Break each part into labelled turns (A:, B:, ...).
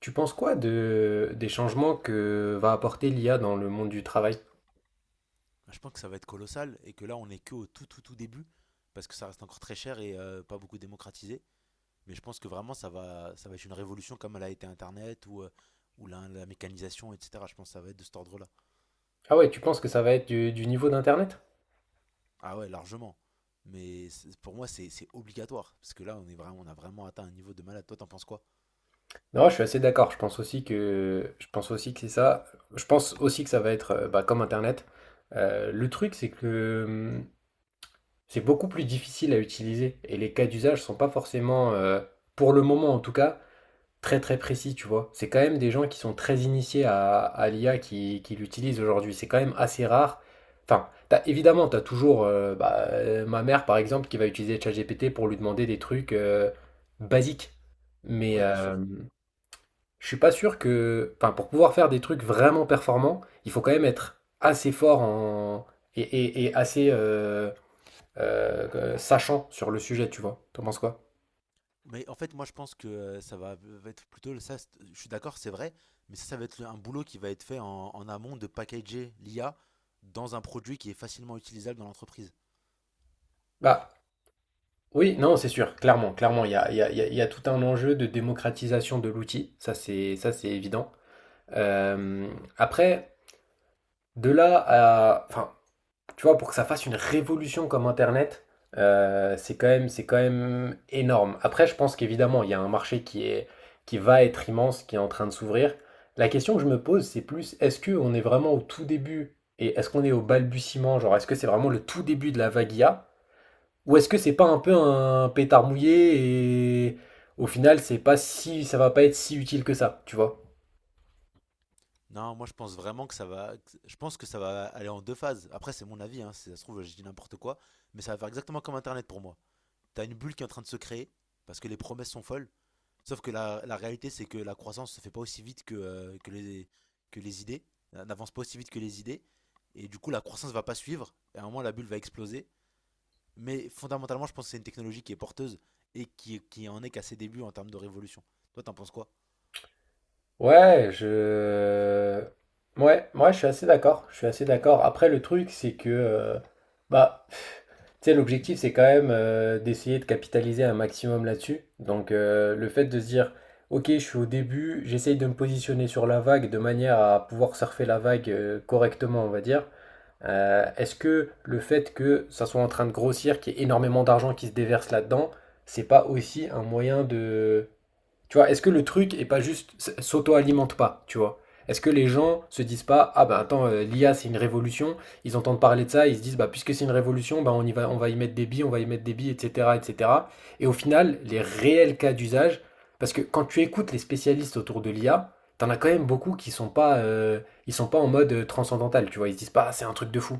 A: Tu penses quoi des changements que va apporter l'IA dans le monde du travail?
B: Je pense que ça va être colossal et que là, on n'est que au tout, tout, tout début parce que ça reste encore très cher et pas beaucoup démocratisé. Mais je pense que vraiment, ça va être une révolution comme elle a été Internet ou ou la mécanisation, etc. Je pense que ça va être de cet ordre-là.
A: Ah ouais, tu penses que ça va être du niveau d'Internet?
B: Ah ouais, largement. Mais pour moi, c'est obligatoire parce que là, on, est vraiment, on a vraiment atteint un niveau de malade. Toi, t'en penses quoi?
A: Non, je suis assez d'accord. Je pense aussi que c'est ça. Je pense aussi que ça va être bah, comme Internet. Le truc, c'est que c'est beaucoup plus difficile à utiliser et les cas d'usage sont pas forcément, pour le moment en tout cas, très très précis, tu vois. C'est quand même des gens qui sont très initiés à l'IA qui l'utilisent aujourd'hui. C'est quand même assez rare. Enfin, évidemment, tu as toujours bah, ma mère, par exemple, qui va utiliser ChatGPT pour lui demander des trucs basiques. Mais
B: Ouais, bien sûr.
A: je suis pas sûr que... Enfin, pour pouvoir faire des trucs vraiment performants, il faut quand même être assez fort en... et assez sachant sur le sujet, tu vois. T'en penses quoi?
B: Mais en fait, moi, je pense que ça va être plutôt le- ça. C'est- Je suis d'accord, c'est vrai, mais ça va être un boulot qui va être fait en amont de packager l'IA dans un produit qui est facilement utilisable dans l'entreprise.
A: Bah, Oui, non, c'est sûr, clairement, clairement, il y a, il y a- il y a- il y a tout un enjeu de démocratisation de l'outil. Ça c'est évident. Euh, Après, de là à, enfin, tu vois, pour que ça fasse une révolution comme Internet, c'est quand même énorme. Après, je pense qu'évidemment, il y a un marché qui va être immense, qui est en train de s'ouvrir. La question que je me pose, c'est plus, est-ce que on est vraiment au tout début et est-ce qu'on est au balbutiement, genre, est-ce que c'est vraiment le tout début de la vague IA? Ou est-ce que c'est pas un peu un pétard mouillé et au final c'est pas si ça va pas être si utile que ça, tu vois?
B: Non, moi, je pense vraiment que Je pense que ça va aller en 2 phases. Après, c'est mon avis, hein, si ça se trouve, je dis n'importe quoi, mais ça va faire exactement comme Internet pour moi. T'as une bulle qui est en train de se créer parce que les promesses sont folles. Sauf que la réalité, c'est que la croissance se fait pas aussi vite que que les idées, n'avance pas aussi vite que les idées. Et du coup, la croissance va pas suivre. Et à un moment, la bulle va exploser. Mais fondamentalement, je pense que c'est une technologie qui est porteuse et qui en est qu'à ses débuts en termes de révolution. Toi, t'en penses quoi?
A: Ouais, je... Ouais, moi je suis assez d'accord. Je suis assez d'accord. Après, le truc, c'est que... bah, pff, tu sais, l'objectif, c'est quand même d'essayer de capitaliser un maximum là-dessus. Donc, le fait de se dire, ok, je suis au début, j'essaye de me positionner sur la vague de manière à pouvoir surfer la vague correctement, on va dire. Est-ce que le fait que ça soit en train de grossir, qu'il y ait énormément d'argent qui se déverse là-dedans, c'est pas aussi un moyen de tu vois, est-ce que le truc est pas juste s'auto-alimente pas, tu vois? Est-ce que les gens se disent pas, ah bah attends, l'IA c'est une révolution, ils entendent parler de ça, ils se disent bah puisque c'est une révolution, bah on y va, on va y mettre des billes, etc., etc. Et cetera. Et au final, les réels cas d'usage, parce que quand tu écoutes les spécialistes autour de l'IA, t'en as quand même beaucoup qui sont pas, ils sont pas en mode transcendantal, tu vois, ils se disent pas, ah, c'est un truc de fou.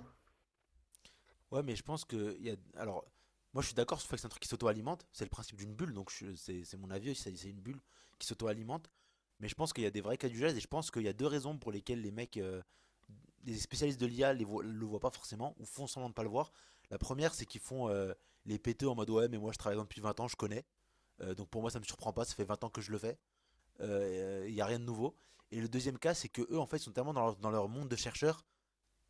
B: Ouais, mais je pense que il y a. Alors, moi, je suis d'accord sur le fait que c'est un truc qui s'auto-alimente. C'est le principe d'une bulle, c'est mon avis aussi. C'est une bulle qui s'auto-alimente. Mais je pense qu'il y a des vrais cas d'usage et je pense qu'il y a deux raisons pour lesquelles les mecs les spécialistes de l'IA ne le voient pas forcément ou font semblant de ne pas le voir. La première, c'est qu'ils font les péteux en mode ouais, mais moi je travaille dans depuis 20 ans, je connais. Donc pour moi, ça me surprend pas, ça fait 20 ans que je le fais. Il n'y a rien de nouveau. Et le deuxième cas, c'est que eux, en fait, sont tellement dans dans leur monde de chercheurs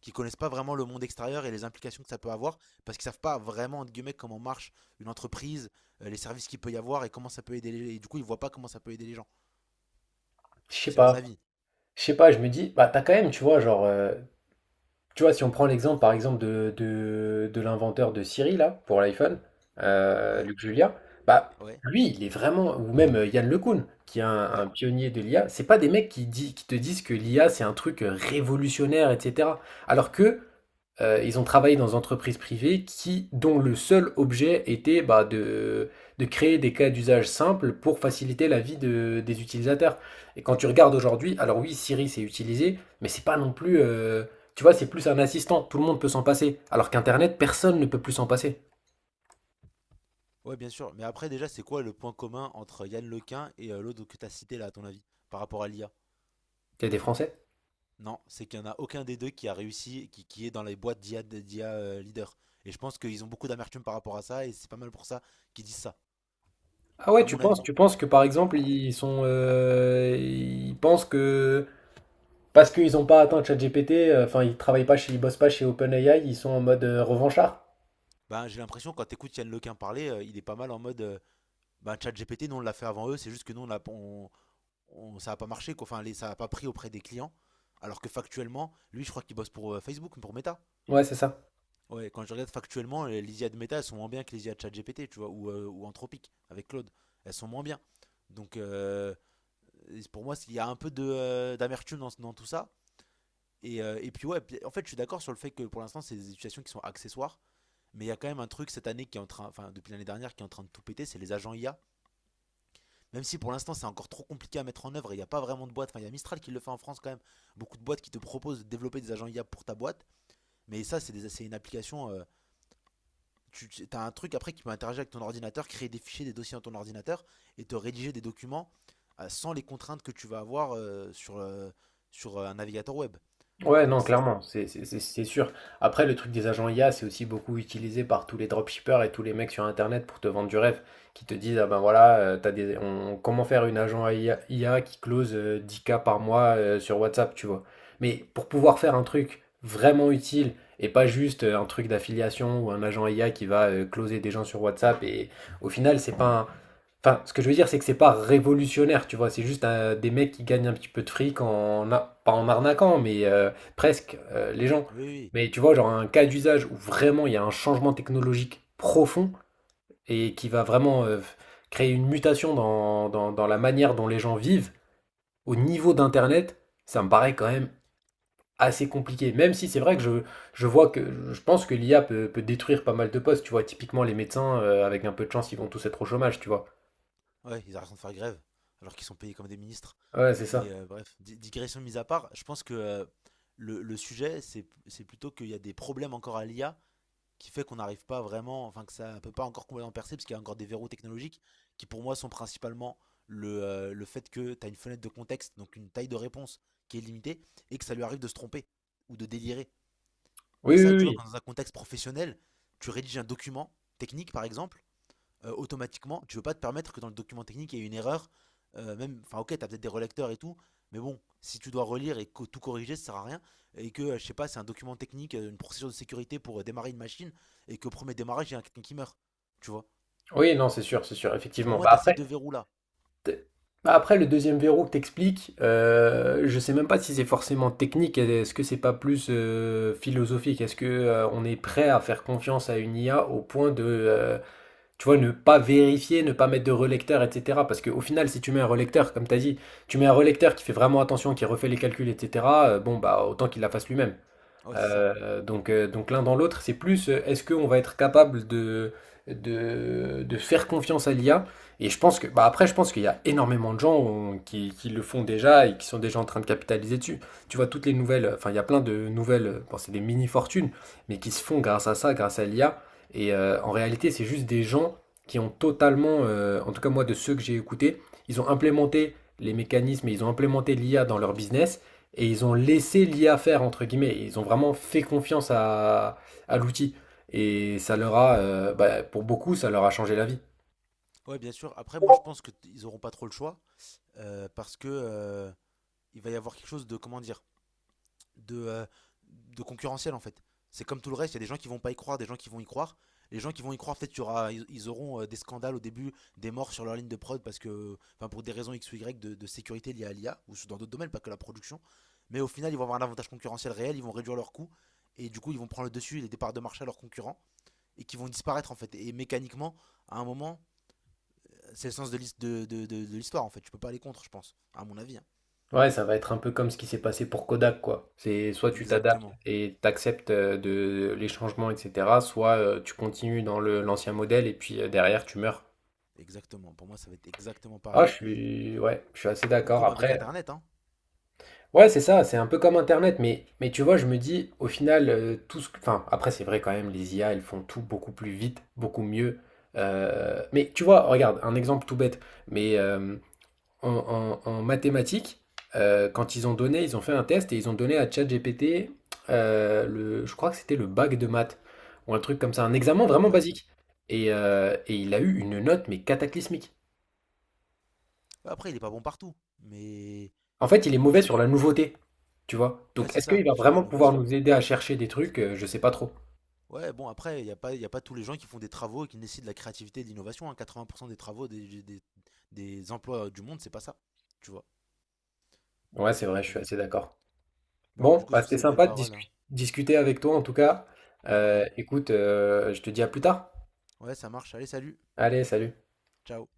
B: qui connaissent pas vraiment le monde extérieur et les implications que ça peut avoir parce qu'ils savent pas vraiment entre guillemets comment marche une entreprise, les services qu'il peut y avoir et comment ça peut aider les gens. Et du coup, ils voient pas comment ça peut aider les gens.
A: Je sais
B: C'est mon
A: pas,
B: avis.
A: je sais pas, je me dis, bah t'as quand même, tu vois, genre, tu vois, si on prend l'exemple, par exemple, de l'inventeur de Siri, là, pour l'iPhone,
B: Ouais,
A: Luc Julia, bah,
B: ouais,
A: lui, il est vraiment, ou même Yann LeCun, qui est un
B: ouais.
A: pionnier de l'IA, c'est pas des mecs qui te disent que l'IA, c'est un truc révolutionnaire, etc. Alors que ils ont travaillé dans des entreprises privées qui, dont le seul objet était bah, de créer des cas d'usage simples pour faciliter la vie des utilisateurs. Et quand tu regardes aujourd'hui, alors oui, Siri c'est utilisé, mais c'est pas non plus, tu vois, c'est plus un assistant. Tout le monde peut s'en passer, alors qu'Internet, personne ne peut plus s'en passer.
B: Ouais, bien sûr. Mais après, déjà, c'est quoi le point commun entre Yann Lequin et l'autre que t'as cité là, à ton avis, par rapport à l'IA?
A: Il y a des Français.
B: Non, c'est qu'il n'y en a aucun des deux qui a réussi, qui est dans les boîtes d'IA leader. Et je pense qu'ils ont beaucoup d'amertume par rapport à ça, et c'est pas mal pour ça qu'ils disent ça,
A: Ah ouais,
B: à mon avis.
A: tu penses que par exemple ils sont, ils pensent que parce qu'ils n'ont pas atteint ChatGPT, enfin ils travaillent pas chez, ils bossent pas chez OpenAI, ils sont en mode revanchard.
B: Ben, j'ai l'impression, quand t'écoutes Yann Lequin parler, il est pas mal en mode ben, ChatGPT, nous on l'a fait avant eux, c'est juste que nous on l'a, on- ça a pas marché, quoi. Enfin, ça a pas pris auprès des clients. Alors que factuellement, lui, je crois qu'il bosse pour Facebook, pour Meta.
A: Ouais, c'est ça.
B: Ouais, quand je regarde factuellement, les IA de méta, elles sont moins bien que les IA de ChatGPT, tu vois, ou Anthropique, avec Claude. Elles sont moins bien. Donc, euh, pour moi, il y a un peu d'amertume dans tout ça. Et puis, ouais, puis, en fait, je suis d'accord sur le fait que pour l'instant, c'est des situations qui sont accessoires. Mais il y a quand même un truc cette année qui est en train, enfin, depuis l'année dernière, qui est en train de tout péter, c'est les agents IA. Même si pour l'instant, c'est encore trop compliqué à mettre en œuvre et il n'y a pas vraiment de boîte. Enfin, il y a Mistral qui le fait en France quand même. Beaucoup de boîtes qui te proposent de développer des agents IA pour ta boîte. Mais ça, c'est une application. Tu as un truc après qui peut interagir avec ton ordinateur, créer des fichiers, des dossiers dans ton ordinateur et te rédiger des documents sans les contraintes que tu vas avoir sur un navigateur web.
A: Ouais,
B: Donc
A: non,
B: ça,
A: clairement, c'est sûr. Après, le truc des agents IA, c'est aussi beaucoup utilisé par tous les dropshippers et tous les mecs sur Internet pour te vendre du rêve, qui te disent, ah ben voilà, comment faire une agent IA qui close 10K par mois sur WhatsApp, tu vois. Mais pour pouvoir faire un truc vraiment utile et pas juste un truc d'affiliation ou un agent IA qui va closer des gens sur WhatsApp, et au final, c'est pas Enfin, ce que je veux dire, c'est que c'est pas révolutionnaire, tu vois. C'est juste des mecs qui gagnent un petit peu de fric en, pas en arnaquant, mais presque les gens.
B: oui, oui,
A: Mais tu vois, genre un cas d'usage où vraiment il y a un changement technologique profond et qui va vraiment créer une mutation dans la manière dont les gens vivent, au niveau d'Internet, ça me paraît quand même assez compliqué. Même si c'est vrai que je vois que je pense que l'IA peut, peut détruire pas mal de postes, tu vois. Typiquement, les médecins, avec un peu de chance, ils vont tous être au chômage, tu vois.
B: oui. Ouais, ils arrêtent de faire grève alors qu'ils sont payés comme des ministres.
A: Ouais, c'est ça.
B: Mais bref, digression mise à part, je pense que le sujet, c'est plutôt qu'il y a des problèmes encore à l'IA qui fait qu'on n'arrive pas vraiment, enfin que ça ne peut pas encore complètement percer, parce qu'il y a encore des verrous technologiques qui pour moi sont principalement le fait que tu as une fenêtre de contexte, donc une taille de réponse qui est limitée, et que ça lui arrive de se tromper ou de délirer.
A: Oui,
B: Et ça,
A: oui,
B: tu vois,
A: oui.
B: quand dans un contexte professionnel, tu rédiges un document technique, par exemple, automatiquement, tu veux pas te permettre que dans le document technique, il y ait une erreur. Même, enfin, ok, t'as peut-être des relecteurs et tout, mais bon, si tu dois relire et tout corriger, ça sert à rien. Et que, je sais pas, c'est un document technique, une procédure de sécurité pour démarrer une machine, et qu'au premier démarrage, il y a quelqu'un qui meurt. Tu vois?
A: Oui, non, c'est sûr,
B: Pour
A: effectivement.
B: moi,
A: Bah
B: t'as ces
A: après,
B: deux verrous-là.
A: t- bah après, le deuxième verrou que t'expliques, je sais même pas si c'est forcément technique. Est-ce que c'est pas plus philosophique? Est-ce que on est prêt à faire confiance à une IA au point de, tu vois, ne pas vérifier, ne pas mettre de relecteur, etc. Parce qu'au final, si tu mets un relecteur, comme t'as dit, tu mets un relecteur qui fait vraiment attention, qui refait les calculs, etc. Bon, bah autant qu'il la fasse lui-même.
B: Ouais, c'est ça.
A: Donc l'un dans l'autre, c'est plus est-ce qu'on va être capable de faire confiance à l'IA? Et je pense que, bah après, je pense qu'il y a énormément de gens qui le font déjà et qui sont déjà en train de capitaliser dessus. Tu vois, toutes les nouvelles, enfin, il y a plein de nouvelles, bon, c'est des mini-fortunes, mais qui se font grâce à ça, grâce à l'IA. Et en réalité, c'est juste des gens qui ont totalement, en tout cas moi, de ceux que j'ai écoutés, ils ont implémenté les mécanismes et ils ont implémenté l'IA dans leur business. Et ils ont laissé l'IA faire, entre guillemets. Ils ont vraiment fait confiance à l'outil. Et ça leur a, bah, pour beaucoup, ça leur a changé la vie.
B: Ouais, bien sûr. Après, moi, je pense auront pas trop le choix, parce que il va y avoir quelque chose de, comment dire? de, euh, de concurrentiel en fait. C'est comme tout le reste, il y a des gens qui vont pas y croire, des gens qui vont y croire. Les gens qui vont y croire, peut-être qu'il y aura- ils- ils auront des scandales au début, des morts sur leur ligne de prod parce que, enfin, pour des raisons X ou Y de sécurité liées à l'IA ou dans d'autres domaines, pas que la production. Mais au final, ils vont avoir un avantage concurrentiel réel, ils vont réduire leurs coûts et du coup, ils vont prendre le dessus les départs de marché à leurs concurrents et qui vont disparaître en fait. Et mécaniquement, à un moment, c'est le sens de de l'histoire en fait. Tu peux pas aller contre, je pense, à mon avis, hein.
A: Ouais, ça va être un peu comme ce qui s'est passé pour Kodak, quoi. C'est soit tu t'adaptes
B: Exactement,
A: et t'acceptes de les changements, etc., soit tu continues dans le l'ancien modèle et puis derrière tu meurs.
B: exactement. Pour moi, ça va être exactement
A: Ah,
B: pareil.
A: ouais, je suis assez
B: Ou
A: d'accord.
B: comme avec
A: Après,
B: Internet, hein.
A: ouais, c'est ça, c'est un peu comme Internet, mais tu vois, je me dis, au final, tout enfin, après, c'est vrai quand même, les IA, elles font tout beaucoup plus vite, beaucoup mieux. Mais tu vois, regarde, un exemple tout bête, mais en mathématiques, quand ils ont donné, ils ont fait un test et ils ont donné à ChatGPT, le, je crois que c'était le bac de maths, ou un truc comme ça, un examen vraiment
B: Ouais.
A: basique. Et il a eu une note, mais cataclysmique.
B: Ouais, après, il est pas bon partout,
A: En fait, il est
B: mais
A: mauvais
B: tu-
A: sur la nouveauté, tu vois.
B: ouais,
A: Donc,
B: c'est
A: est-ce
B: ça,
A: qu'il va
B: sur
A: vraiment pouvoir
B: l'innovation.
A: nous aider à chercher des trucs? Je sais pas trop.
B: Ouais, bon, après, il n'y a pas, y a pas tous les gens qui font des travaux et qui nécessitent de la créativité et de l'innovation, hein. 80% des travaux des emplois du monde, c'est pas ça, tu vois.
A: Ouais, c'est vrai, je
B: Donc,
A: suis
B: bon.
A: assez d'accord.
B: Bon, du
A: Bon,
B: coup,
A: bah,
B: sur
A: c'était
B: ces belles
A: sympa de
B: paroles, hein.
A: discuter avec toi en tout cas.
B: Ouais,
A: Écoute, je te dis à plus tard.
B: ouais, ça marche. Allez, salut,
A: Allez, salut.
B: ciao.